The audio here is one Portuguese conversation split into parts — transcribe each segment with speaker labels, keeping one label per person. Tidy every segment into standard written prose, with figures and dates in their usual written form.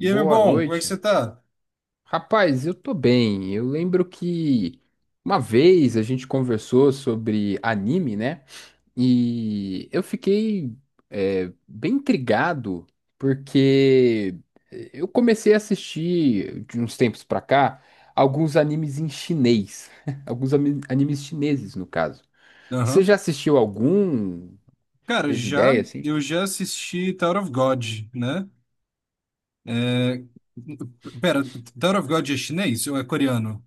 Speaker 1: E aí, meu bom, como é que
Speaker 2: noite.
Speaker 1: você tá?
Speaker 2: Rapaz, eu tô bem. Eu lembro que uma vez a gente conversou sobre anime, né? E eu fiquei bem intrigado porque eu comecei a assistir de uns tempos pra cá alguns animes em chinês. Animes chineses, no caso. Você
Speaker 1: Aham.
Speaker 2: já assistiu algum?
Speaker 1: Cara,
Speaker 2: Teve
Speaker 1: já,
Speaker 2: ideia, assim?
Speaker 1: eu já assisti Tower of God, né? É... Pera, Tower of God é chinês ou é coreano?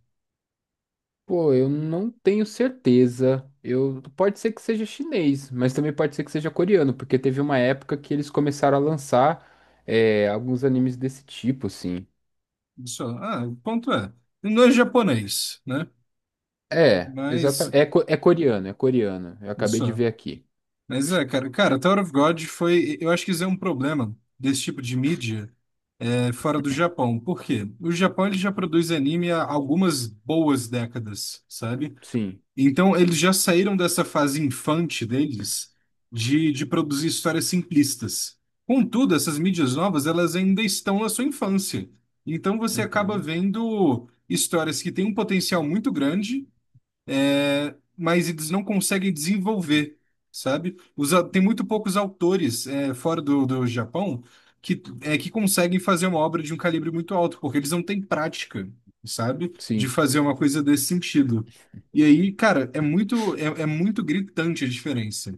Speaker 2: Pô, eu não tenho certeza. Eu pode ser que seja chinês, mas também pode ser que seja coreano, porque teve uma época que eles começaram a lançar alguns animes desse tipo, assim.
Speaker 1: Isso, ah, o ponto é, não é japonês, né?
Speaker 2: É,
Speaker 1: Mas,
Speaker 2: exatamente. É, é coreano, é coreano. Eu acabei de
Speaker 1: isso,
Speaker 2: ver aqui.
Speaker 1: mas é, cara, Tower of God foi, eu acho que isso é um problema desse tipo de mídia, fora do Japão. Por quê? O Japão, ele já produz anime há algumas boas décadas, sabe?
Speaker 2: Sim.
Speaker 1: Então, eles já saíram dessa fase infante deles de produzir histórias simplistas. Contudo, essas mídias novas, elas ainda estão na sua infância. Então, você acaba
Speaker 2: Uhum.
Speaker 1: vendo histórias que têm um potencial muito grande, mas eles não conseguem desenvolver, sabe? Tem muito poucos autores fora do Japão que, que conseguem fazer uma obra de um calibre muito alto, porque eles não têm prática, sabe? De
Speaker 2: Sim,
Speaker 1: fazer uma coisa desse sentido. E aí, cara, é muito gritante a diferença.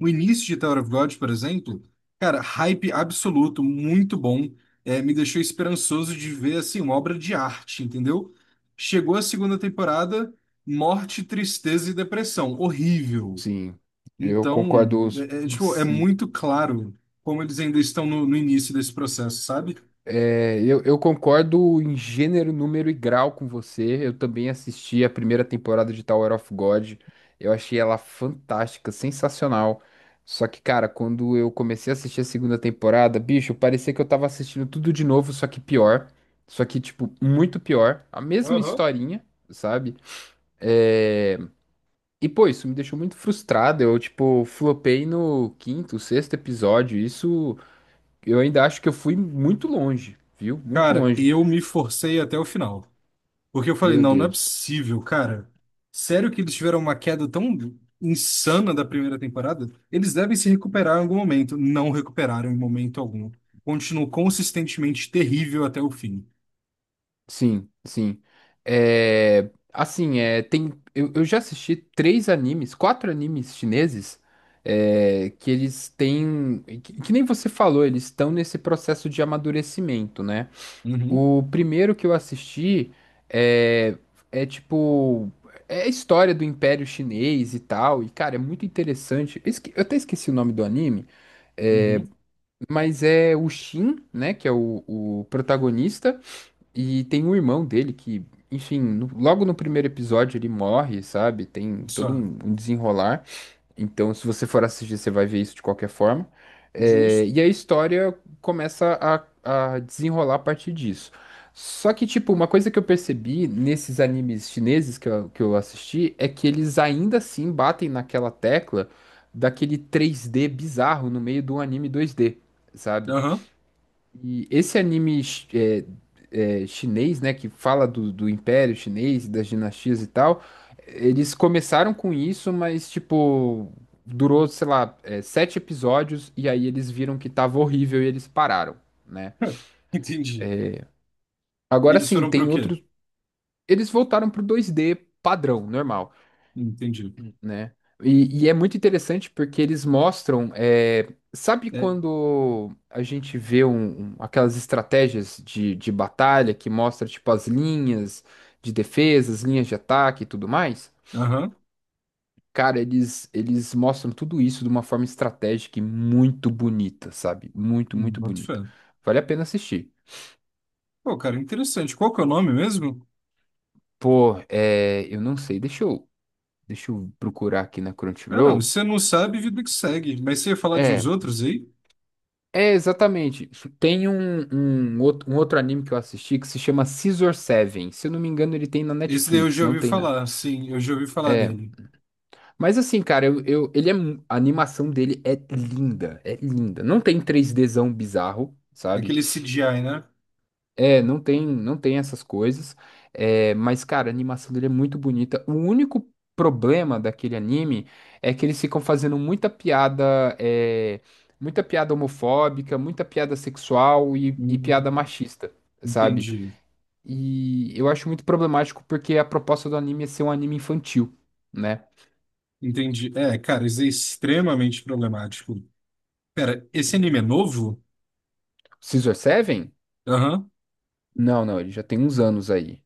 Speaker 1: O início de Tower of God, por exemplo, cara, hype absoluto, muito bom. Me deixou esperançoso de ver, assim, uma obra de arte, entendeu? Chegou a segunda temporada, morte, tristeza e depressão. Horrível.
Speaker 2: sim. Eu
Speaker 1: Então,
Speaker 2: concordo.
Speaker 1: tipo, é muito claro como eles ainda estão no início desse processo, sabe?
Speaker 2: É, eu concordo em gênero, número e grau com você. Eu também assisti a primeira temporada de Tower of God. Eu achei ela fantástica, sensacional. Só que, cara, quando eu comecei a assistir a segunda temporada, bicho, parecia que eu tava assistindo tudo de novo, só que pior. Só que, tipo, muito pior. A mesma
Speaker 1: Aham.
Speaker 2: historinha, sabe? É, Pô, isso me deixou muito frustrado. Eu, tipo, flopei no quinto, sexto episódio. Isso, eu ainda acho que eu fui muito longe, viu? Muito
Speaker 1: Cara,
Speaker 2: longe.
Speaker 1: eu me forcei até o final. Porque eu falei,
Speaker 2: Meu
Speaker 1: não, não é
Speaker 2: Deus.
Speaker 1: possível, cara. Sério que eles tiveram uma queda tão insana da primeira temporada? Eles devem se recuperar em algum momento. Não recuperaram em momento algum. Continuou consistentemente terrível até o fim.
Speaker 2: Sim, sim. É, assim, eu já assisti três animes, quatro animes chineses, que eles têm, que nem você falou, eles estão nesse processo de amadurecimento, né?
Speaker 1: Uhum,
Speaker 2: O primeiro que eu assisti, é, é tipo, é a história do Império Chinês e tal, e cara, é muito interessante. Eu até esqueci o nome do anime, é,
Speaker 1: uhum.
Speaker 2: mas é o Xin, né, que é o protagonista. E tem um irmão dele que, enfim, logo no primeiro episódio ele morre, sabe? Tem todo
Speaker 1: Só.
Speaker 2: um desenrolar. Então, se você for assistir, você vai ver isso de qualquer forma.
Speaker 1: Justo.
Speaker 2: E a história começa a desenrolar a partir disso. Só que, tipo, uma coisa que eu percebi nesses animes chineses, que eu assisti, é que eles ainda assim batem naquela tecla daquele 3D bizarro no meio de um anime 2D, sabe?
Speaker 1: Aham.
Speaker 2: E esse anime chi- é, é, chinês, né, que fala do Império Chinês, das dinastias e tal, eles começaram com isso, mas, tipo, durou, sei lá, 7 episódios, e aí eles viram que tava horrível e eles pararam, né?
Speaker 1: Entendi.
Speaker 2: Agora
Speaker 1: Eles
Speaker 2: sim,
Speaker 1: foram pro
Speaker 2: tem
Speaker 1: quê?
Speaker 2: outros. Eles voltaram pro 2D padrão, normal.
Speaker 1: Entendi.
Speaker 2: Né? E, é muito interessante porque eles mostram, sabe
Speaker 1: É.
Speaker 2: quando a gente vê aquelas estratégias de batalha que mostra tipo as linhas de defesa, as linhas de ataque e tudo mais?
Speaker 1: Aham.
Speaker 2: Cara, eles mostram tudo isso de uma forma estratégica e muito bonita, sabe? Muito,
Speaker 1: Hum,
Speaker 2: muito
Speaker 1: boto fé.
Speaker 2: bonita. Vale a pena assistir.
Speaker 1: Pô, cara, interessante. Qual que é o nome mesmo?
Speaker 2: Pô, eu não sei, deixa eu procurar aqui na
Speaker 1: Ah, não. Se
Speaker 2: Crunchyroll.
Speaker 1: você não sabe, vida que segue. Mas você ia falar de uns
Speaker 2: É.
Speaker 1: outros aí?
Speaker 2: É, exatamente. Tem um outro anime que eu assisti que se chama Scissor Seven. Se eu não me engano, ele tem na
Speaker 1: Esse daí eu
Speaker 2: Netflix,
Speaker 1: já
Speaker 2: não
Speaker 1: ouvi
Speaker 2: tem, né?
Speaker 1: falar, sim, eu já ouvi falar
Speaker 2: É.
Speaker 1: dele.
Speaker 2: Mas assim, cara, a animação dele é linda, é linda. Não tem três dzão bizarro, sabe?
Speaker 1: Aquele CGI, né?
Speaker 2: É, não tem, não tem essas coisas. Mas, cara, a animação dele é muito bonita. O único problema daquele anime é que eles ficam fazendo muita piada, muita piada homofóbica, muita piada sexual e, piada
Speaker 1: Hum,
Speaker 2: machista, sabe?
Speaker 1: Entendi,
Speaker 2: E eu acho muito problemático porque a proposta do anime é ser um anime infantil, né?
Speaker 1: entendi. É, cara, isso é extremamente problemático. Pera, esse anime é novo?
Speaker 2: Scissor Seven?
Speaker 1: Aham.
Speaker 2: Não, não, ele já tem uns anos aí.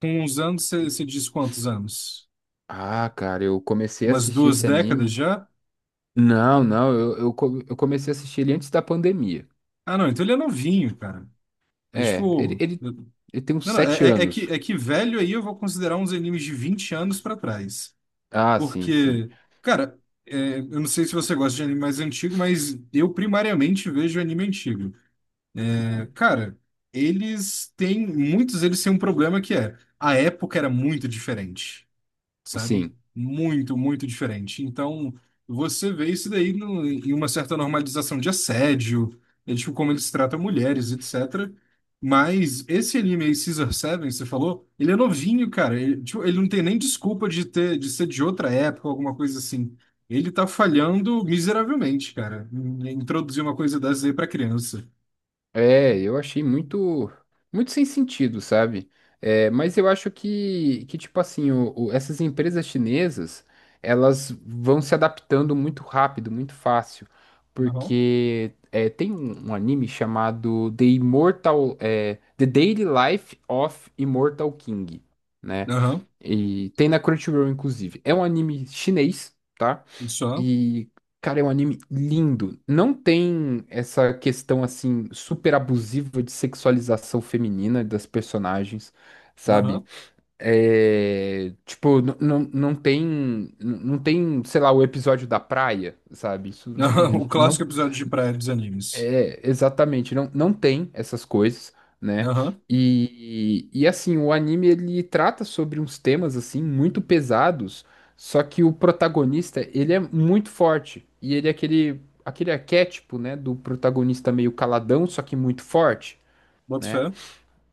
Speaker 1: Com uns anos, você diz quantos anos?
Speaker 2: Ah, cara, eu comecei a
Speaker 1: Umas
Speaker 2: assistir
Speaker 1: duas
Speaker 2: esse
Speaker 1: décadas
Speaker 2: anime.
Speaker 1: já?
Speaker 2: Não, não, eu comecei a assistir ele antes da pandemia.
Speaker 1: Ah, não, então ele é novinho, cara. É
Speaker 2: É, ele,
Speaker 1: tipo.
Speaker 2: ele, ele tem uns
Speaker 1: Não, não,
Speaker 2: sete
Speaker 1: é que,
Speaker 2: anos.
Speaker 1: é que velho aí eu vou considerar uns animes de 20 anos pra trás.
Speaker 2: Ah, sim, sim.
Speaker 1: Porque, cara, eu não sei se você gosta de anime mais antigo, mas eu primariamente vejo anime antigo. Cara, muitos deles têm um problema que é, a época era muito diferente, sabe?
Speaker 2: Sim.
Speaker 1: Muito, muito diferente. Então, você vê isso daí em uma certa normalização de assédio, é tipo como eles tratam mulheres, etc. Mas esse anime aí, Caesar Seven, você falou, ele é novinho, cara. Ele, tipo, ele não tem nem desculpa de ter, de ser de outra época, alguma coisa assim. Ele tá falhando miseravelmente, cara, em introduzir uma coisa dessa aí pra criança.
Speaker 2: É, eu achei muito, muito sem sentido, sabe? É, mas eu acho que, tipo assim, essas empresas chinesas, elas vão se adaptando muito rápido, muito fácil,
Speaker 1: Aham.
Speaker 2: tem um anime chamado The Immortal, The Daily Life of Immortal King, né?
Speaker 1: Aham.
Speaker 2: E tem na Crunchyroll, inclusive. É um anime chinês, tá?
Speaker 1: Isso, aham.
Speaker 2: E, cara, é um anime lindo. Não tem essa questão, assim, super abusiva de sexualização feminina das personagens, sabe? É, tipo, não tem, não tem, sei lá, o episódio da praia, sabe? Isso.
Speaker 1: Aham. O clássico
Speaker 2: Não
Speaker 1: episódio de praia dos animes.
Speaker 2: é, exatamente, não, não tem essas coisas, né?
Speaker 1: Aham.
Speaker 2: E, assim, o anime, ele trata sobre uns temas assim muito pesados, só que o protagonista, ele é muito forte e ele é aquele arquétipo, né, do protagonista meio caladão, só que muito forte,
Speaker 1: Boto
Speaker 2: né?
Speaker 1: fé.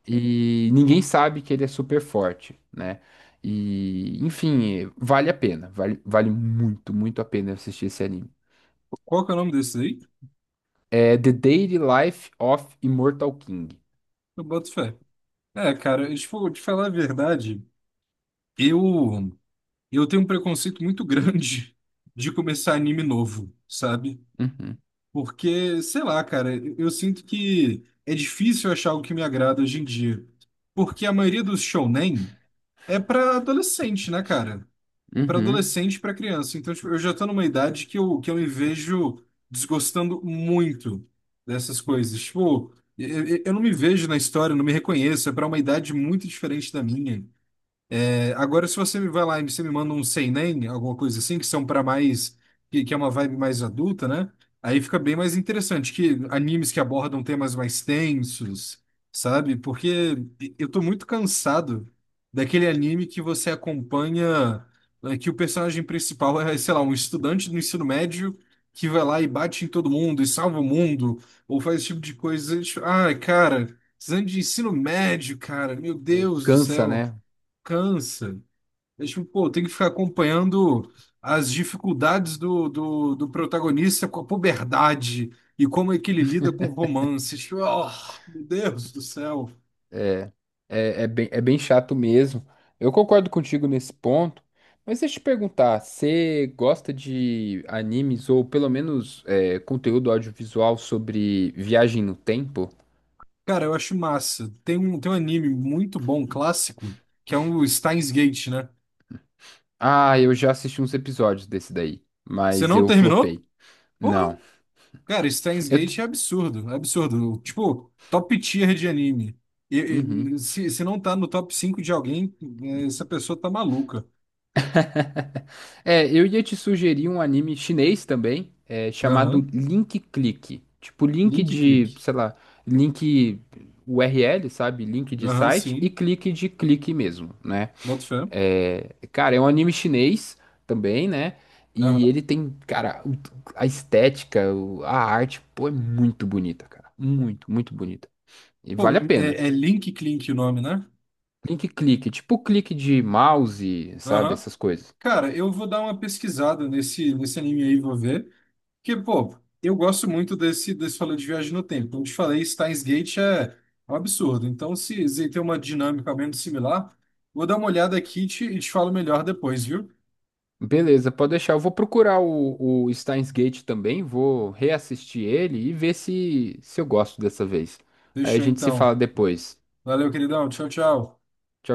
Speaker 2: E ninguém sabe que ele é super forte, né? E enfim, vale a pena, vale muito, muito a pena assistir esse anime.
Speaker 1: Qual que é o nome desse aí?
Speaker 2: É The Daily Life of Immortal King.
Speaker 1: Eu boto fé. É, cara, se for te falar a verdade, eu, eu tenho um preconceito muito grande de começar anime novo, sabe?
Speaker 2: Uhum,
Speaker 1: Porque, sei lá, cara, eu sinto que é difícil achar algo que me agrada hoje em dia. Porque a maioria dos shounen é pra adolescente, né, cara? Para
Speaker 2: uhum.
Speaker 1: adolescente, e para criança. Então, tipo, eu já estou numa idade que eu me vejo desgostando muito dessas coisas. Tipo, eu não me vejo na história, não me reconheço, é para uma idade muito diferente da minha. Agora, se você me vai lá e você me manda um seinen, alguma coisa assim, que são para mais, que é uma vibe mais adulta, né? Aí fica bem mais interessante, que animes que abordam temas mais tensos, sabe? Porque eu tô muito cansado daquele anime que você acompanha, que o personagem principal é, sei lá, um estudante do ensino médio que vai lá e bate em todo mundo e salva o mundo, ou faz esse tipo de coisa. Ai, cara, precisando de ensino médio, cara, meu
Speaker 2: É,
Speaker 1: Deus do
Speaker 2: cansa,
Speaker 1: céu,
Speaker 2: né?
Speaker 1: cansa. É tipo, pô, tem que ficar acompanhando as dificuldades do protagonista com a puberdade e como é que ele lida com romances. Tipo, oh, meu Deus do céu.
Speaker 2: É, é bem chato mesmo. Eu concordo contigo nesse ponto, mas deixa eu te perguntar: você gosta de animes ou pelo menos, conteúdo audiovisual sobre viagem no tempo?
Speaker 1: Cara, eu acho massa. Tem um anime muito bom, clássico, que é um Steins Gate, né?
Speaker 2: Ah, eu já assisti uns episódios desse daí,
Speaker 1: Você
Speaker 2: mas
Speaker 1: não
Speaker 2: eu
Speaker 1: terminou?
Speaker 2: flopei.
Speaker 1: Porra!
Speaker 2: Não.
Speaker 1: Cara, Steins
Speaker 2: Eu,
Speaker 1: Gate é absurdo, é absurdo. Tipo, top tier de anime. E-
Speaker 2: uhum.
Speaker 1: se não tá no top 5 de alguém, essa pessoa tá maluca.
Speaker 2: É, eu ia te sugerir um anime chinês também, chamado
Speaker 1: Aham.
Speaker 2: Link Click. Tipo, link
Speaker 1: Link
Speaker 2: de,
Speaker 1: click.
Speaker 2: sei lá, link URL, sabe? Link de
Speaker 1: Aham,
Speaker 2: site e
Speaker 1: sim.
Speaker 2: clique de clique mesmo, né?
Speaker 1: Boto fé.
Speaker 2: Cara, é um anime chinês também, né? E
Speaker 1: Aham.
Speaker 2: ele tem, cara, a estética, a arte, pô, é muito bonita, cara. Muito, muito bonita. E
Speaker 1: Pô,
Speaker 2: vale a pena.
Speaker 1: é Link Clink o nome, né?
Speaker 2: Link clique, tipo clique de mouse, sabe?
Speaker 1: Aham.
Speaker 2: Essas coisas.
Speaker 1: Cara, eu vou dar uma pesquisada nesse anime aí, vou ver. Porque, pô, eu gosto muito desse falou de viagem no tempo. Como te falei, Steins Gate é um absurdo. Então, se tem uma dinâmica menos similar, vou dar uma olhada aqui e e te falo melhor depois, viu?
Speaker 2: Beleza, pode deixar. Eu vou procurar o Steins Gate também, vou reassistir ele e ver se eu gosto dessa vez. Aí a
Speaker 1: Deixa eu
Speaker 2: gente se
Speaker 1: então.
Speaker 2: fala depois.
Speaker 1: Valeu, queridão. Tchau, tchau.
Speaker 2: Tchau.